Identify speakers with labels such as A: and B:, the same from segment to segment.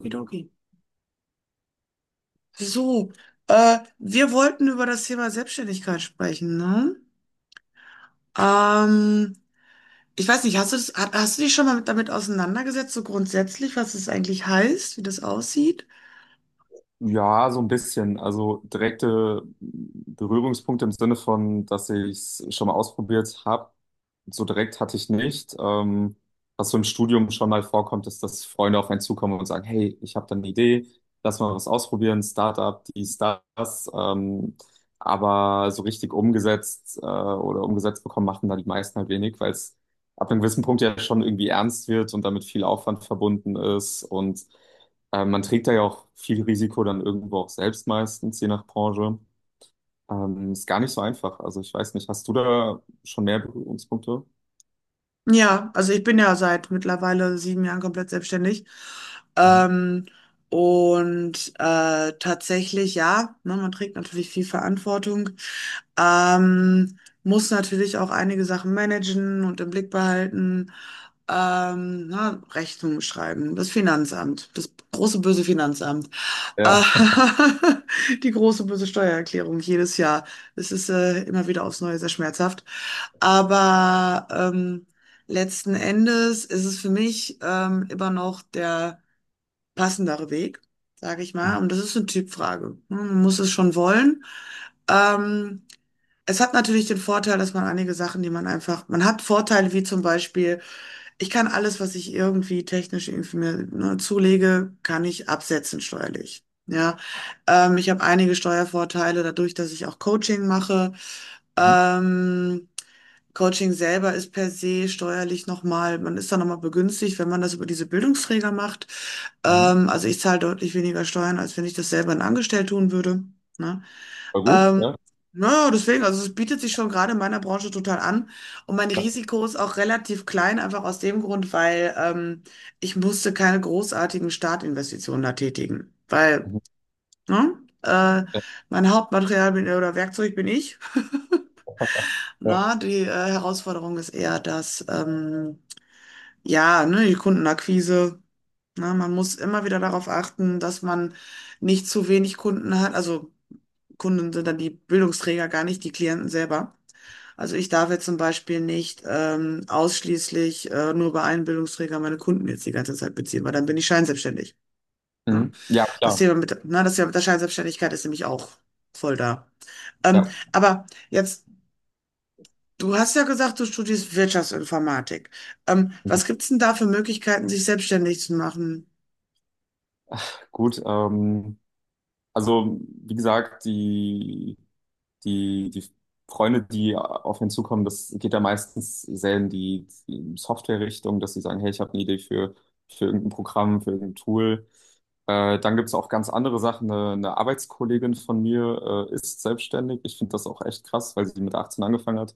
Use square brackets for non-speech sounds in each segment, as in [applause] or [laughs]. A: Okidoki. So, wir wollten über das Thema Selbstständigkeit sprechen, ne? Ähm, Ich weiß nicht, hast du das, hast du dich schon mal damit auseinandergesetzt, so grundsätzlich, was es eigentlich heißt, wie das aussieht?
B: Ja, so ein bisschen. Also direkte Berührungspunkte im Sinne von, dass ich es schon mal ausprobiert habe. So direkt hatte ich nicht. Was so im Studium schon mal vorkommt, ist, dass Freunde auf einen zukommen und sagen, hey, ich habe da eine Idee, lass mal was ausprobieren, Startup, dies, das. Aber so richtig umgesetzt oder umgesetzt bekommen, machen da die meisten halt wenig, weil es ab einem gewissen Punkt ja schon irgendwie ernst wird und damit viel Aufwand verbunden ist und man trägt da ja auch viel Risiko dann irgendwo auch selbst meistens, je nach Branche. Ist gar nicht so einfach. Also ich weiß nicht, hast du da schon mehr Berührungspunkte?
A: Ja, also ich bin ja seit mittlerweile 7 Jahren komplett selbstständig.
B: Mhm.
A: Ähm, und tatsächlich, ja, ne, man trägt natürlich viel Verantwortung, ähm, muss natürlich auch einige Sachen managen und im Blick behalten, na, Rechnungen schreiben, das Finanzamt, das große böse Finanzamt,
B: Ja.
A: äh, [laughs] die große böse Steuererklärung jedes Jahr. Es ist immer wieder aufs Neue sehr schmerzhaft. Aber letzten Endes ist es für mich immer noch der passendere Weg, sage ich
B: Mhm.
A: mal. Und das ist eine Typfrage. Ne? Man muss es schon wollen. Ähm, Es hat natürlich den Vorteil, dass man einige Sachen, die man einfach, man hat Vorteile wie zum Beispiel, ich kann alles, was ich irgendwie technisch irgendwie mir ne, zulege, kann ich absetzen steuerlich. Ja, ich habe einige Steuervorteile dadurch, dass ich auch Coaching mache.
B: Mhm.
A: Ähm, Coaching selber ist per se steuerlich nochmal, man ist da nochmal begünstigt, wenn man das über diese Bildungsträger macht.
B: Mhm.
A: Also ich zahle deutlich weniger Steuern, als wenn ich das selber in Angestellt tun würde. Ne?
B: War gut,
A: Ähm,
B: ja.
A: naja, deswegen, also es bietet sich schon gerade in meiner Branche total an. Und mein
B: Ja.
A: Risiko ist auch relativ klein, einfach aus dem Grund, weil ich musste keine großartigen Startinvestitionen da tätigen. Weil,
B: Mhm.
A: ne, äh,
B: Ja.
A: mein Hauptmaterial bin, oder Werkzeug bin ich. [laughs] Na,
B: Ja.
A: die Herausforderung ist eher dass ja, ne, die Kundenakquise, na, man muss immer wieder darauf achten, dass man nicht zu wenig Kunden hat. Also Kunden sind dann die Bildungsträger gar nicht, die Klienten selber. Also ich darf jetzt zum Beispiel nicht ausschließlich nur bei einem Bildungsträger meine Kunden jetzt die ganze Zeit beziehen, weil dann bin ich scheinselbstständig. Ne?
B: Mhm. Ja,
A: Das
B: klar.
A: Thema mit, ne, das Thema mit der Scheinselbstständigkeit ist nämlich auch voll da.
B: Ja.
A: Aber jetzt, du hast ja gesagt, du studierst Wirtschaftsinformatik.
B: Mhm.
A: Was gibt's denn da für Möglichkeiten, sich selbstständig zu machen?
B: Gut, also wie gesagt, die Freunde, die auf ihn zukommen, das geht ja meistens sehr in die Software-Richtung, dass sie sagen, hey, ich habe eine Idee für irgendein Programm, für irgendein Tool. Dann gibt's auch ganz andere Sachen. Eine Arbeitskollegin von mir ist selbstständig. Ich finde das auch echt krass, weil sie mit 18 angefangen hat.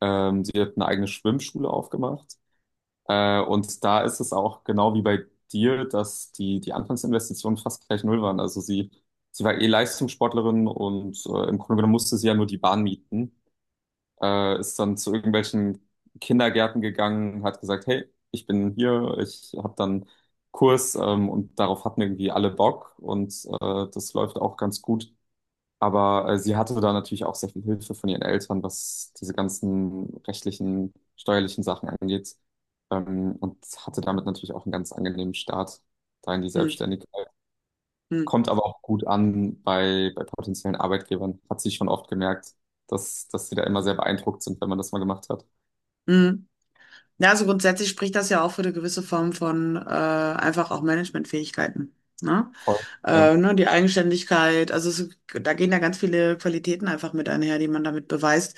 B: Sie hat eine eigene Schwimmschule aufgemacht. Und da ist es auch genau wie bei dir, dass die Anfangsinvestitionen fast gleich null waren. Also sie war eh Leistungssportlerin und im Grunde genommen musste sie ja nur die Bahn mieten. Ist dann zu irgendwelchen Kindergärten gegangen, hat gesagt, hey, ich bin hier, ich habe dann Kurs und darauf hatten irgendwie alle Bock und das läuft auch ganz gut. Aber sie hatte da natürlich auch sehr viel Hilfe von ihren Eltern, was diese ganzen rechtlichen, steuerlichen Sachen angeht. Und hatte damit natürlich auch einen ganz angenehmen Start da in die
A: Hm,
B: Selbstständigkeit.
A: hm,
B: Kommt aber auch gut an bei, bei potenziellen Arbeitgebern. Hat sie schon oft gemerkt, dass, dass sie da immer sehr beeindruckt sind, wenn man das mal gemacht hat.
A: hm. Ja, also grundsätzlich spricht das ja auch für eine gewisse Form von einfach auch Managementfähigkeiten. Ne?
B: Voll. Ja.
A: Ne, die Eigenständigkeit, also es, da gehen ja ganz viele Qualitäten einfach mit einher, die man damit beweist.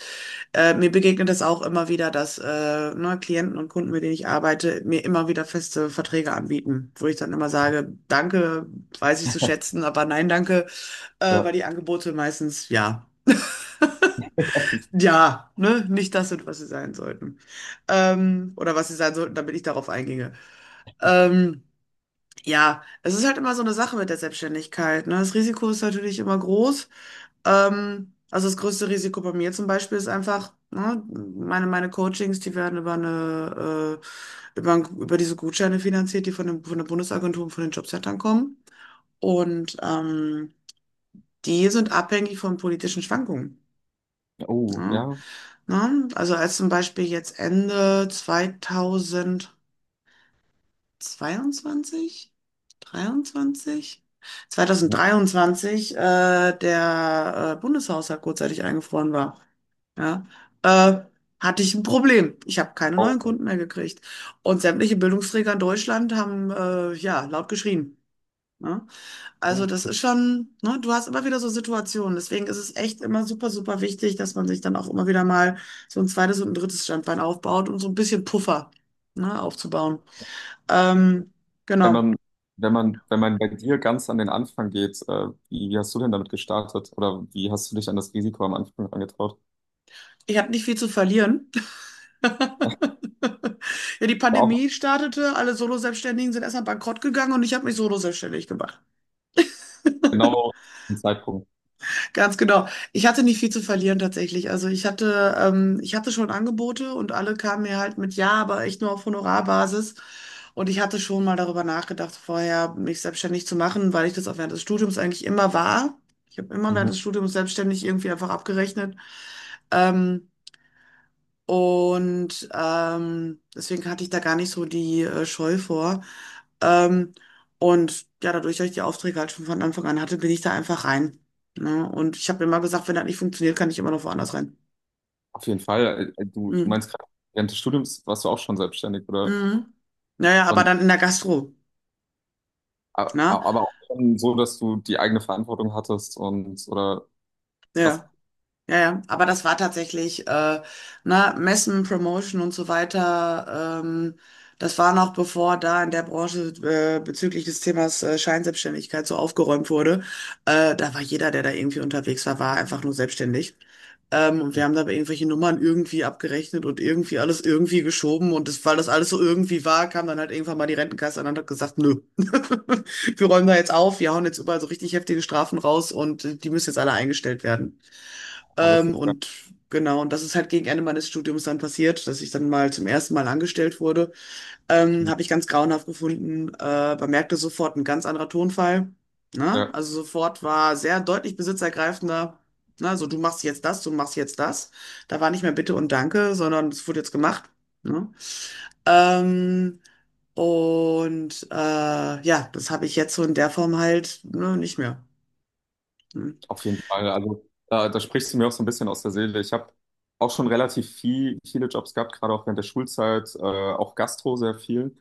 A: Mir begegnet das auch immer wieder, dass ne, Klienten und Kunden, mit denen ich arbeite, mir immer wieder feste Verträge anbieten, wo ich dann immer sage, danke, weiß ich zu schätzen, aber nein, danke, weil die
B: Ja.
A: Angebote meistens ja. Ja, ne, nicht das sind, was sie sein sollten. Oder was sie sein sollten, damit ich darauf einginge. Ähm, ja, es ist halt immer so eine Sache mit der Selbstständigkeit, ne? Das Risiko ist natürlich immer groß. Also das größte Risiko bei mir zum Beispiel ist einfach, ne, meine Coachings, die werden über über diese Gutscheine finanziert, die von dem, von der Bundesagentur und von den Jobcentern kommen. Und die sind abhängig von politischen Schwankungen.
B: Oh,
A: Ne?
B: ja.
A: Ne? Also als zum Beispiel jetzt Ende 2000 22, 23, 2023 der Bundeshaushalt kurzzeitig eingefroren war. Ja, äh, hatte ich ein Problem. Ich habe keine
B: Oh,
A: neuen Kunden mehr gekriegt. Und sämtliche Bildungsträger in Deutschland haben ja laut geschrien. Ne? Also
B: oh.
A: das ist schon, ne, du hast immer wieder so Situationen. Deswegen ist es echt immer super, super wichtig, dass man sich dann auch immer wieder mal so ein zweites und ein drittes Standbein aufbaut, um so ein bisschen Puffer, ne, aufzubauen. Ähm,
B: Wenn
A: genau.
B: man, wenn man bei dir ganz an den Anfang geht, wie, wie hast du denn damit gestartet? Oder wie hast du dich an das Risiko am Anfang angetraut?
A: Ich habe nicht viel zu verlieren. [laughs] Ja, die
B: Auch
A: Pandemie startete, alle Solo-Selbstständigen sind erstmal bankrott gegangen und ich habe mich solo-selbstständig gemacht. [laughs]
B: genau den Zeitpunkt.
A: Ganz genau. Ich hatte nicht viel zu verlieren tatsächlich. Also ich hatte schon Angebote und alle kamen mir halt mit Ja, aber echt nur auf Honorarbasis. Und ich hatte schon mal darüber nachgedacht, vorher mich selbstständig zu machen, weil ich das auch während des Studiums eigentlich immer war. Ich habe immer
B: Mhm.
A: während des Studiums selbstständig irgendwie einfach abgerechnet. Ähm, Und deswegen hatte ich da gar nicht so die Scheu vor. Ähm, und ja, dadurch, dass ich die Aufträge halt schon von Anfang an hatte, bin ich da einfach rein. Ne? Und ich habe immer gesagt, wenn das nicht funktioniert, kann ich immer noch woanders rein.
B: Auf jeden Fall. Du, du
A: Mhm.
B: meinst gerade, während des Studiums warst du auch schon selbstständig, oder?
A: Mhm. Naja, aber
B: Und,
A: dann in der Gastro.
B: a-
A: Ne?
B: aber auch schon so, dass du die eigene Verantwortung hattest und, oder krass,
A: Ja. Ja, ja, aber das war tatsächlich, na, Messen, Promotion und so weiter. Das war noch bevor da in der Branche bezüglich des Themas Scheinselbstständigkeit so aufgeräumt wurde. Da war jeder, der da irgendwie unterwegs war, war einfach nur selbstständig. Und wir haben da irgendwelche Nummern irgendwie abgerechnet und irgendwie alles irgendwie geschoben. Und das, weil das alles so irgendwie war, kam dann halt irgendwann mal die Rentenkasse an und hat gesagt, nö, [laughs] wir räumen da jetzt auf, wir hauen jetzt überall so richtig heftige Strafen raus und die müssen jetzt alle eingestellt werden.
B: man wusste es gar
A: Und genau, und das ist halt gegen Ende meines Studiums dann passiert, dass ich dann mal zum ersten Mal angestellt wurde.
B: nicht.
A: Habe ich ganz grauenhaft gefunden, man merkte sofort ein ganz anderer Tonfall. Ne?
B: äh,
A: Also sofort war sehr deutlich besitzergreifender. Ne? So, du machst jetzt das, du machst jetzt das. Da war nicht mehr Bitte und Danke, sondern es wurde jetzt gemacht. Ne? Ähm, und ja, das habe ich jetzt so in der Form halt ne, nicht mehr. Hm,
B: Auf jeden Fall. Also da, da sprichst du mir auch so ein bisschen aus der Seele. Ich habe auch schon relativ viel, viele Jobs gehabt, gerade auch während der Schulzeit, auch Gastro sehr viel.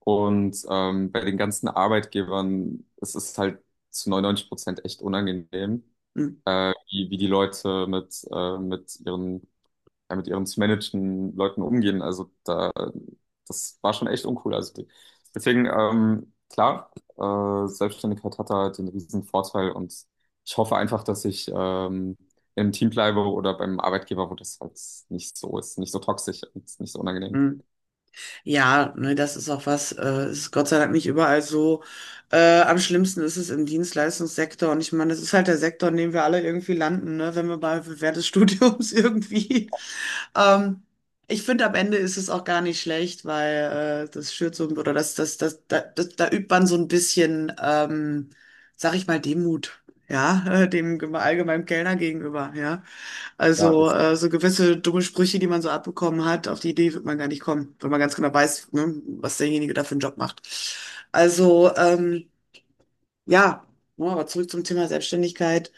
B: Und bei den ganzen Arbeitgebern, es ist halt zu 99% echt unangenehm,
A: hm,
B: wie, wie die Leute mit ihren ja, mit ihren zu managenden Leuten umgehen. Also da, das war schon echt uncool. Also die, deswegen, klar, Selbstständigkeit hat da den riesen Vorteil und ich hoffe einfach, dass ich im Team bleibe oder beim Arbeitgeber, wo das halt nicht so ist, nicht so toxisch und nicht so unangenehm.
A: hm. Ja, ne, das ist auch was, ist Gott sei Dank nicht überall so. Am schlimmsten ist es im Dienstleistungssektor. Und ich meine, das ist halt der Sektor, in dem wir alle irgendwie landen, ne, wenn wir bei während des Studiums [laughs] irgendwie. Ähm, Ich finde, am Ende ist es auch gar nicht schlecht, weil das schürt so, oder da übt man so ein bisschen, sag ich mal, Demut, ja, [laughs] dem allgemeinen Kellner gegenüber, ja.
B: Ja,
A: Also
B: das,
A: so gewisse dumme Sprüche, die man so abbekommen hat, auf die Idee wird man gar nicht kommen, wenn man ganz genau weiß, ne, was derjenige da für einen Job macht. Also ja, ja, aber zurück zum Thema Selbstständigkeit.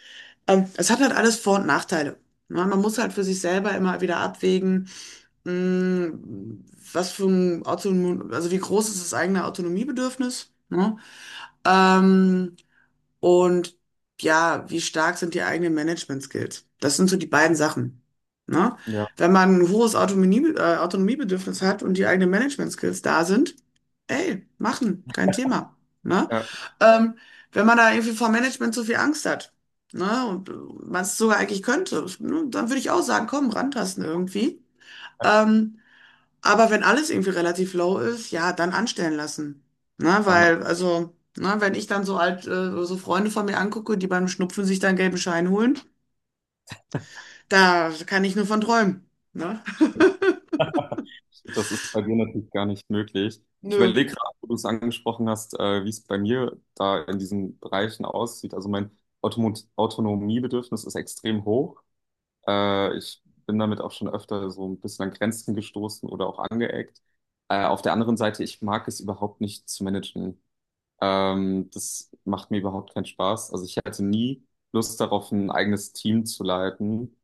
A: Es hat halt alles Vor- und Nachteile. Ne? Man muss halt für sich selber immer wieder abwägen, mh, was für ein Autonom, also wie groß ist das eigene Autonomiebedürfnis? Ne? Ähm, und ja, wie stark sind die eigenen Management-Skills? Das sind so die beiden Sachen. Ne?
B: ja,
A: Wenn man ein hohes Autonomie, Autonomiebedürfnis hat und die eigenen Management-Skills da sind, ey, machen, kein Thema. Ne?
B: ja,
A: Ähm, Wenn man da irgendwie vor Management so viel Angst hat, ne, und man es sogar eigentlich könnte, ne, dann würde ich auch sagen, komm, rantasten irgendwie. Ähm, aber wenn alles irgendwie relativ low ist, ja, dann anstellen lassen. Na,
B: dann auch.
A: weil, also, na, wenn ich dann so alt, so Freunde von mir angucke, die beim Schnupfen sich dann gelben Schein holen, da kann ich nur von träumen. Ne? [laughs]
B: Das ist bei dir natürlich gar nicht möglich. Ich
A: Nö.
B: überlege gerade, wo du es angesprochen hast, wie es bei mir da in diesen Bereichen aussieht. Also mein Automo Autonomiebedürfnis ist extrem hoch. Ich bin damit auch schon öfter so ein bisschen an Grenzen gestoßen oder auch angeeckt. Auf der anderen Seite, ich mag es überhaupt nicht zu managen. Das macht mir überhaupt keinen Spaß. Also ich hätte nie Lust darauf, ein eigenes Team zu leiten.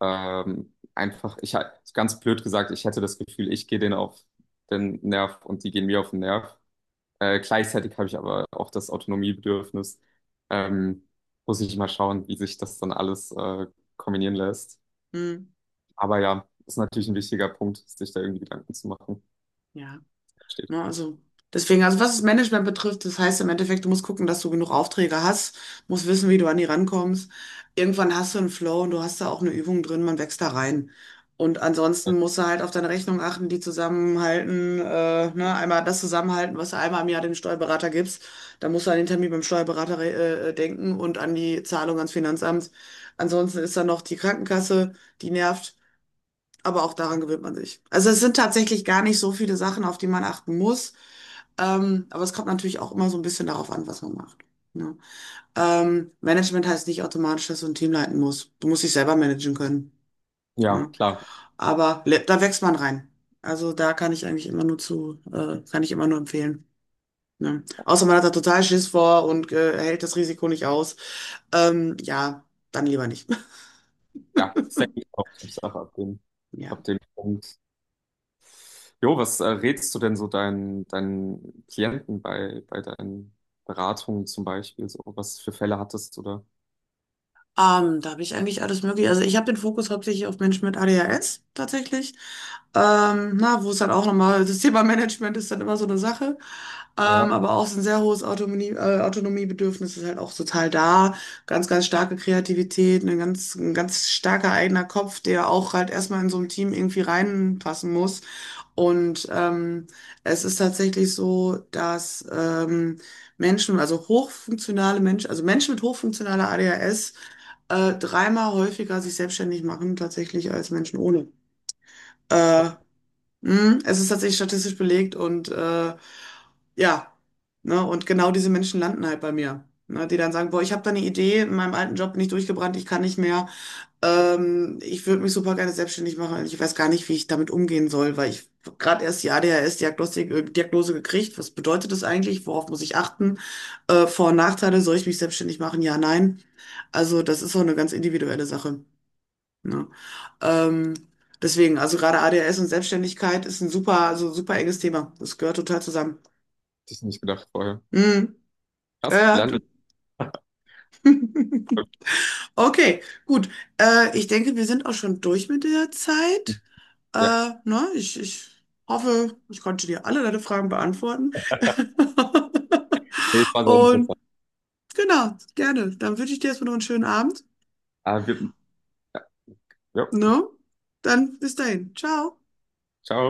B: Einfach, ganz blöd gesagt, ich hätte das Gefühl, ich gehe denen auf den Nerv und die gehen mir auf den Nerv. Gleichzeitig habe ich aber auch das Autonomiebedürfnis. Ähm, Muss ich mal schauen, wie sich das dann alles kombinieren lässt.
A: Hm.
B: Aber ja, ist natürlich ein wichtiger Punkt, sich da irgendwie Gedanken zu machen.
A: Ja.
B: Steht.
A: Ne? Also deswegen, also was das Management betrifft, das heißt im Endeffekt, du musst gucken, dass du genug Aufträge hast, musst wissen, wie du an die rankommst. Irgendwann hast du einen Flow und du hast da auch eine Übung drin, man wächst da rein. Und ansonsten musst du halt auf deine Rechnung achten, die zusammenhalten, ne, einmal das zusammenhalten, was du einmal im Jahr dem Steuerberater gibst. Dann musst du an den Termin beim Steuerberater denken und an die Zahlung ans Finanzamt. Ansonsten ist da noch die Krankenkasse, die nervt. Aber auch daran gewöhnt man sich. Also es sind tatsächlich gar nicht so viele Sachen, auf die man achten muss. Aber es kommt natürlich auch immer so ein bisschen darauf an, was man macht. Ne? Management heißt nicht automatisch, dass du ein Team leiten musst. Du musst dich selber managen können.
B: Ja,
A: Ne?
B: klar.
A: Aber da wächst man rein. Also da kann ich eigentlich immer nur zu, kann ich immer nur empfehlen. Ne? Außer man hat da total Schiss vor und hält das Risiko nicht aus. Ja, dann lieber nicht.
B: Ja,
A: [laughs]
B: ist eigentlich auch Typsache
A: Ja.
B: ab dem Punkt. Jo, was rätst du denn so deinen, deinen Klienten bei, bei deinen Beratungen zum Beispiel? So, was für Fälle hattest du da?
A: Da habe ich eigentlich alles mögliche. Also ich habe den Fokus hauptsächlich auf Menschen mit ADHS tatsächlich. Na, wo es dann auch nochmal, das Thema Management ist dann immer so eine Sache.
B: Ja, hätte
A: Aber auch so ein sehr hohes Autonomie, Autonomiebedürfnis ist halt auch total da. Ganz, ganz starke Kreativität, ein ganz starker eigener Kopf, der auch halt erstmal in so einem Team irgendwie reinpassen muss. Und es ist tatsächlich so, dass Menschen, also hochfunktionale Menschen, also Menschen mit hochfunktionaler ADHS, dreimal häufiger sich selbstständig machen tatsächlich als Menschen ohne. Äh, Es ist tatsächlich statistisch belegt und ja, ne, und genau diese Menschen landen halt bei mir. Ne, die dann sagen, boah, ich habe da eine Idee, in meinem alten Job bin ich durchgebrannt, ich kann nicht mehr. Ich würde mich super gerne selbstständig machen. Ich weiß gar nicht, wie ich damit umgehen soll, weil ich gerade erst die ADHS-Diagnostik, Diagnose gekriegt. Was bedeutet das eigentlich? Worauf muss ich achten? Vor- und Nachteile, soll ich mich selbstständig machen? Ja, nein. Also das ist so eine ganz individuelle Sache. Ne? Ähm, Deswegen, also gerade ADHS und Selbstständigkeit ist ein super, also super enges Thema. Das gehört total zusammen.
B: ich nicht gedacht vorher.
A: Hm,
B: Krass,
A: ja,
B: lerne. Ich.
A: ja. [laughs] Okay, gut. Ich denke, wir sind auch schon durch mit der Zeit.
B: Ja,
A: Äh, ne? Ich hoffe, ich konnte dir alle deine Fragen beantworten. [laughs]
B: nee, es war sehr
A: Und
B: interessant.
A: genau, gerne. Dann wünsche ich dir erstmal noch einen schönen Abend.
B: Ah, wir, ja, jo,
A: Ne? Dann bis dahin. Ciao.
B: ciao.